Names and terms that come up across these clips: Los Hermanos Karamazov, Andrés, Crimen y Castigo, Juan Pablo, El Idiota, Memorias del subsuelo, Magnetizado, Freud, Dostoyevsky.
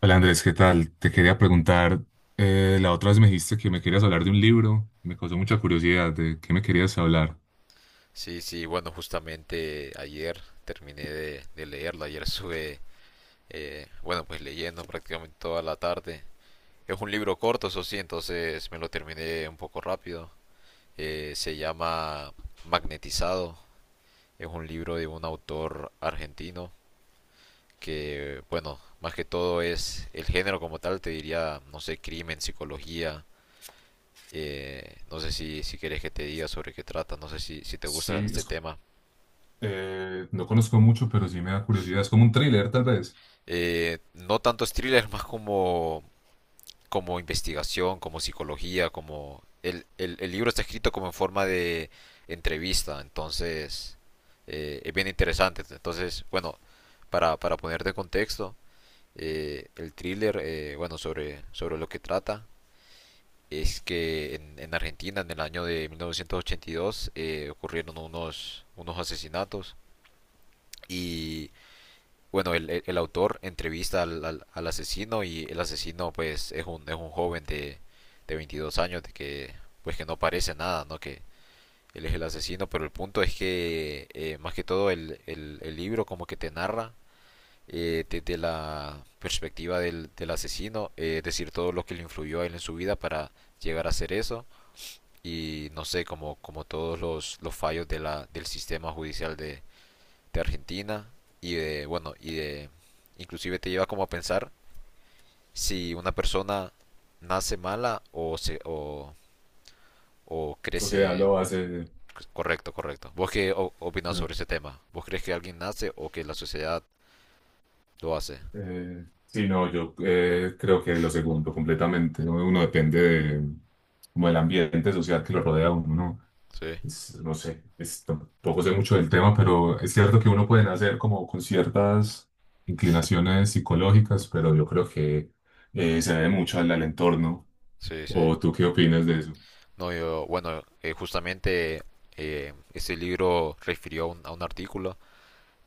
Hola Andrés, ¿qué tal? Te quería preguntar, la otra vez me dijiste que me querías hablar de un libro, me causó mucha curiosidad, ¿de qué me querías hablar? Sí, sí, bueno, justamente ayer terminé de leerlo, ayer sube, bueno, pues leyendo prácticamente toda la tarde. Es un libro corto, eso sí, entonces me lo terminé un poco rápido. Se llama Magnetizado. Es un libro de un autor argentino que, bueno, más que todo es el género como tal, te diría, no sé, crimen, psicología. No sé si quieres que te diga sobre qué trata, no sé si te gusta Sí, este es co- tema. No conozco mucho, pero sí me da curiosidad, es como un thriller tal vez. No tanto es thriller, más como investigación, como psicología. El libro está escrito como en forma de entrevista, entonces es bien interesante. Entonces, bueno, para ponerte en contexto, el thriller, bueno, sobre lo que trata, es que en Argentina, en el año de 1982, ocurrieron unos asesinatos. Y bueno, el autor entrevista al asesino, y el asesino pues es un joven de 22 años, de que pues que no parece nada, ¿no? Que él es el asesino, pero el punto es que, más que todo el libro como que te narra, desde la perspectiva del asesino. Es decir, todo lo que le influyó a él en su vida para llegar a hacer eso, y no sé, como todos los fallos de la, del sistema judicial de Argentina y de, bueno, y de, inclusive te lleva como a pensar si una persona nace mala, o La sociedad crece. lo hace... Correcto, correcto. ¿Vos qué opinás ¿No? sobre ese tema? ¿Vos crees que alguien nace o que la sociedad lo hace? Sí, no, yo creo que lo segundo completamente, ¿no? Uno depende de, como del ambiente social que lo rodea a uno, ¿no? Sí, No sé, tampoco sé mucho del tema, pero es cierto que uno puede nacer como con ciertas inclinaciones psicológicas, pero yo creo que se debe mucho al entorno. sí, sí. ¿O tú qué opinas de eso? No, yo, bueno, justamente, ese libro refirió a un artículo,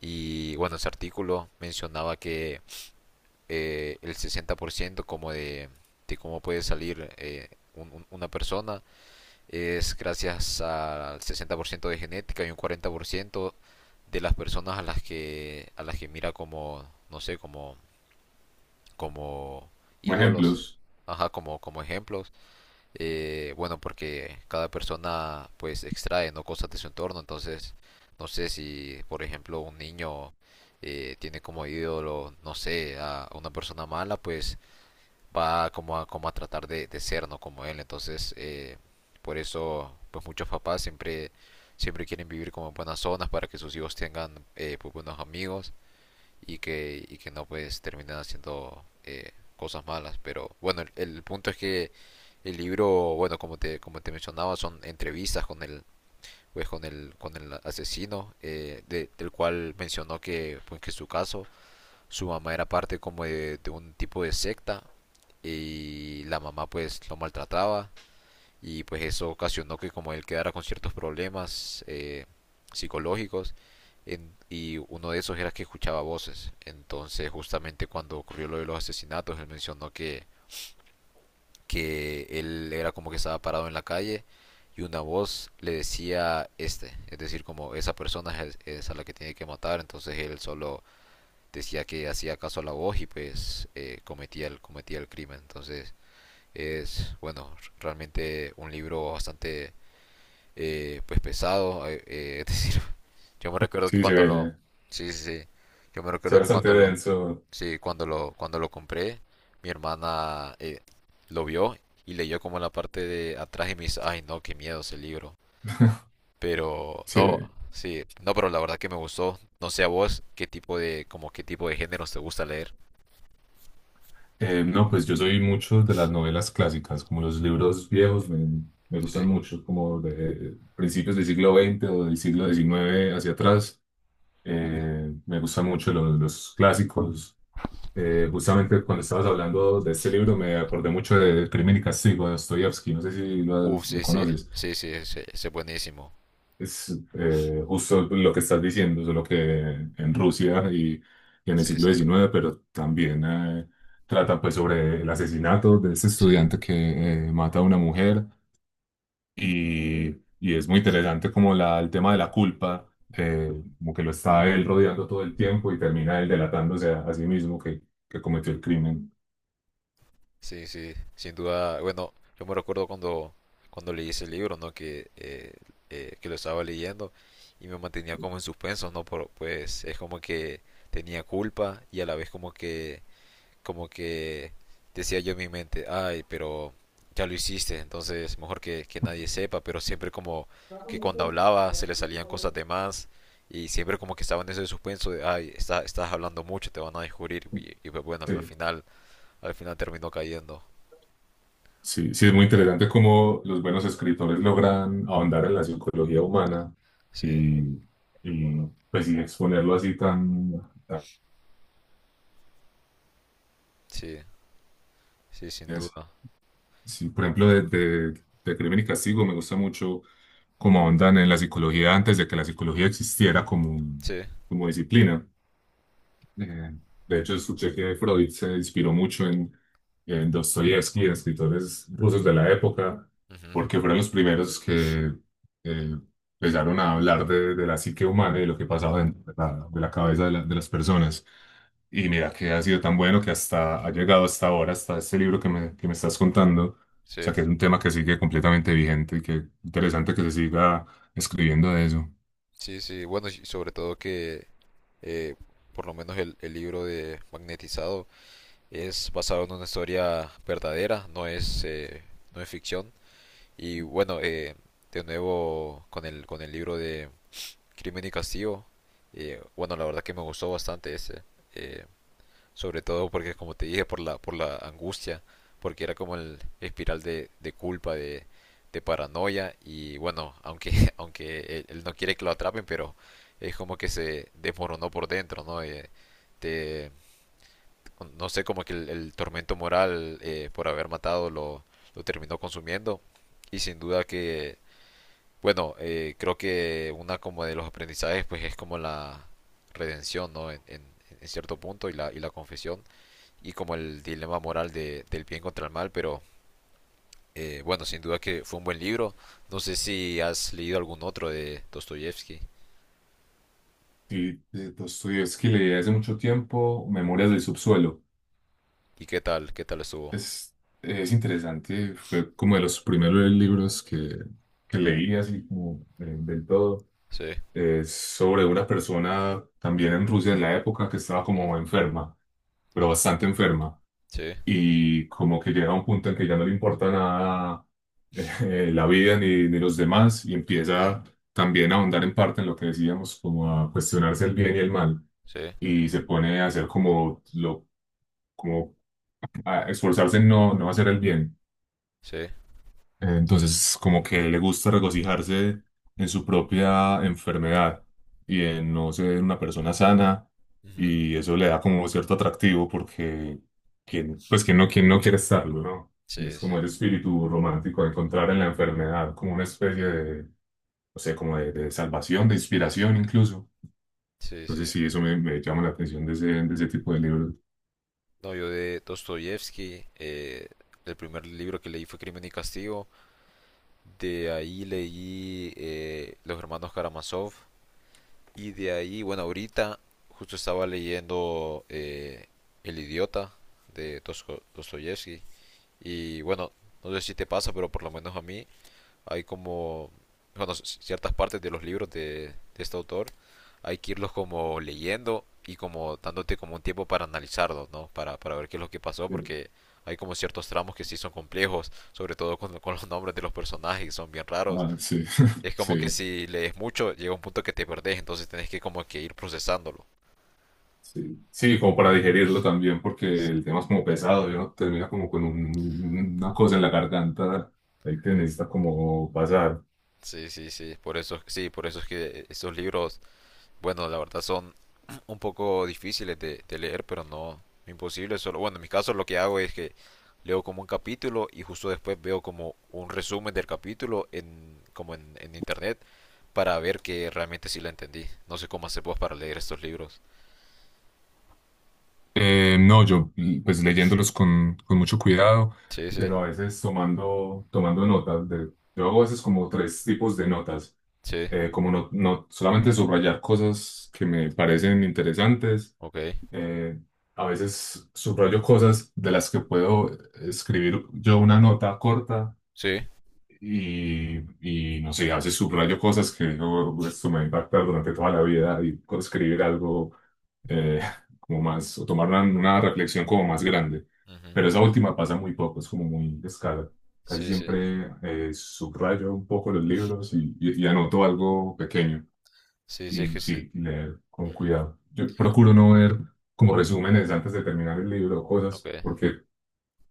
y bueno, ese artículo mencionaba que, el 60% como cómo puede salir, una persona, es gracias al 60% de genética y un 40% de las personas a las que mira como, no sé, como Como ídolos. ejemplos, Ajá, como ejemplos. Bueno, porque cada persona pues extrae no cosas de su entorno, entonces no sé si, por ejemplo, un niño, tiene como ídolo, no sé, a una persona mala, pues va como a tratar de ser, ¿no? Como él. Entonces, por eso, pues muchos papás siempre quieren vivir como en buenas zonas, para que sus hijos tengan, pues, buenos amigos, y que, no pues terminen haciendo, cosas malas. Pero bueno, el punto es que el libro, bueno, como te mencionaba, son entrevistas con el, pues, con el asesino, del cual mencionó que, pues, que su caso, su mamá era parte como de un tipo de secta, y la mamá pues lo maltrataba, y pues eso ocasionó que como él quedara con ciertos problemas, psicológicos, y uno de esos era que escuchaba voces. Entonces justamente cuando ocurrió lo de los asesinatos, él mencionó que él era como que estaba parado en la calle, y una voz le decía, este, es decir, como esa persona es a la que tiene que matar. Entonces él solo decía que hacía caso a la voz, y pues, cometía el crimen. Entonces es, bueno, realmente un libro bastante, pues, pesado. Es decir, yo me recuerdo que sí, cuando lo... Sí, sí, sí. Yo me se ve recuerdo que bastante cuando lo... denso. Sí, cuando lo compré, mi hermana, lo vio, y leyó como la parte de atrás y me dice, ay no, qué miedo ese libro. Pero Sí, no, sí, no, pero la verdad que me gustó. No sé a vos qué tipo de, como qué tipo de géneros te gusta leer. No, pues yo soy mucho de las novelas clásicas, como los libros viejos me Sí. gustan mucho, como de principios del siglo veinte o del siglo diecinueve hacia atrás. Me gustan mucho los clásicos. Justamente cuando estabas hablando de este libro me acordé mucho de Crimen y Castigo de Dostoyevsky, no sé si lo Sí, sí, conoces. sí, sí, sí, sí, buenísimo. Es justo lo que estás diciendo, solo que en Rusia y en el Sí, siglo sí, XIX, pero también trata pues sobre el asesinato de ese sí, estudiante que mata a una mujer y, y es muy interesante como el tema de la culpa, eh, como que lo está él rodeando todo el tiempo y termina él delatándose a sí mismo que cometió el crimen. sí, sí, sin duda. Bueno, yo me recuerdo cuando leí ese libro, ¿no? Que lo estaba leyendo, y me mantenía como en suspenso, ¿no? Pues es como que tenía culpa, y a la vez como que, como que decía yo en mi mente, ay, pero ya lo hiciste, entonces mejor que, nadie sepa. Pero siempre como que cuando hablaba se le salían cosas de más, y siempre como que estaba en ese suspenso de, ay, estás hablando mucho, te van a descubrir, y, pues bueno, Sí. Al final terminó cayendo. Sí, sí, es muy interesante cómo los buenos escritores logran ahondar en la psicología humana Sí, y, y, pues y exponerlo así tan... tan- sí, sí, sin es- duda. Sí, por ejemplo, de Crimen y Castigo me gusta mucho cómo ahondan en la psicología antes de que la psicología existiera como, Sí, como disciplina. Eh, de hecho, escuché que Freud se inspiró mucho en Dostoyevsky, en escritores rusos de la época, ujú, porque fueron los primeros que eh, empezaron a hablar de la psique humana y de lo que pasaba dentro de de la cabeza de las personas. Y mira que ha sido tan bueno que hasta ha llegado hasta ahora, hasta este libro que que me estás contando. O sí, sea, que es un tema que sigue completamente vigente y que interesante que se siga escribiendo de eso. sí, sí, bueno, y sobre todo que, eh, por lo menos el libro de Magnetizado es basado en una historia verdadera, no es ficción. Y bueno, de nuevo con el, libro de Crimen y Castigo. Bueno, la verdad que me gustó bastante ese. eh, Sobre todo porque, como te dije, por la, angustia, porque era como el espiral de, culpa, de, paranoia. Y bueno, aunque, aunque él no quiere que lo atrapen, pero es como que se desmoronó por dentro, ¿no? Te, no sé, como que el tormento moral, por haber matado, lo terminó consumiendo. Y sin duda que, bueno, creo que una como de los aprendizajes, pues es como la redención, ¿no? En cierto punto, y la, confesión y como el dilema moral del bien contra el mal. Pero, bueno, sin duda que fue un buen libro. No sé si has leído algún otro de Dostoyevsky, Sí, de Dostoyevsky leí hace mucho tiempo Memorias del subsuelo. y qué tal estuvo. Es, es interesante, fue como de los primeros libros que leí así como del todo. Sí, Es sobre una persona también en Rusia en la época que estaba ujú, como enferma, pero bastante enferma. sí, Y como que llega a un punto en que ya no le importa nada la vida ni los demás y ujú, empieza también a ahondar en parte en lo que decíamos, como a cuestionarse el bien y el mal. sí, Y se pone a hacer como, lo, como a esforzarse en no hacer el bien. sí, Entonces, como que le gusta regocijarse en su propia enfermedad y en no ser una persona sana, ujú, y eso le da como cierto atractivo porque, quien, pues, quien no quiere estarlo, ¿no? Y es sí, sí, como el espíritu romántico, de encontrar en la enfermedad como una especie de, no sé, como de salvación, de inspiración incluso. sí, Entonces, sí. sí, me llama la atención de de ese tipo de libros. No, yo de Dostoyevsky, el primer libro que leí fue Crimen y Castigo. De ahí leí, Los Hermanos Karamazov. Y de ahí, bueno, ahorita justo estaba leyendo, El Idiota de Dostoyevsky. Y bueno, no sé si te pasa, pero por lo menos a mí hay como, bueno, ciertas partes de los libros de este autor, hay que irlos como leyendo y como dándote como un tiempo para analizarlos, ¿no? Para ver qué es lo que pasó, Sí. porque hay como ciertos tramos que sí son complejos, sobre todo con los nombres de los personajes, que son bien raros. Ah, sí, Es como que sí. si lees mucho, llega un punto que te perdés, entonces tenés que como que ir procesándolo. Sí, sí, como para digerirlo también, porque el tema es como pesado, ¿no? Termina como con una cosa en la garganta, ahí que necesita como pasar. Sí, sí, sí, por eso es que esos libros, bueno, la verdad son un poco difíciles de leer, pero no imposible. Solo, bueno, en mi caso lo que hago es que leo como un capítulo, y justo después veo como un resumen del capítulo en, como en internet, para ver que realmente sí la entendí. No sé cómo hacer vos para leer estos libros. No, yo pues leyéndolos con mucho cuidado, Sí, sí, pero a veces tomando notas. De, yo hago a veces como tres tipos de notas, sí, como no solamente subrayar cosas que me parecen interesantes, ok, eh, a veces subrayo cosas de las que puedo escribir yo una nota corta. sí, Y, y no sé, a veces subrayo cosas que digo, esto me va a impactar durante toda la vida y puedo escribir algo eh, como más, o tomar una reflexión como más grande. ujú, Pero esa última pasa muy poco, es como muy descarada. Casi sí, sí, siempre subrayo un poco los libros y, y anoto algo pequeño. sí, sí, es Y que sí, sí, leer con ujú, cuidado. Yo procuro no ver como resúmenes antes de terminar el libro o ok, cosas, porque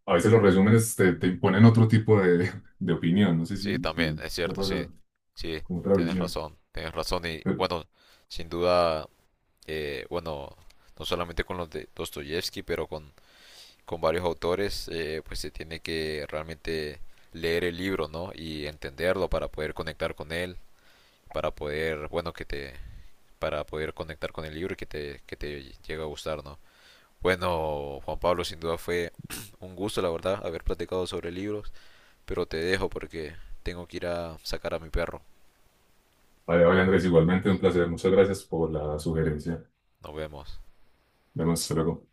a veces los resúmenes te imponen otro tipo de opinión. No sé sí, si, también, si es te ha cierto, sí, pasado sí, con otra tienes visión. razón, tienes razón, y Pero, bueno, sin duda, bueno, no solamente con los de Dostoyevsky, pero con varios autores, pues se tiene que realmente leer el libro, ¿no? Y entenderlo para poder conectar con él, para poder, bueno, que te, para poder conectar con el libro y que te llegue a gustar, ¿no? Bueno, Juan Pablo, sin duda fue un gusto, la verdad, haber platicado sobre libros, pero te dejo porque tengo que ir a sacar a mi perro. vale, vale, Andrés, igualmente un placer. Muchas gracias por la sugerencia. Nos vemos. Vemos luego.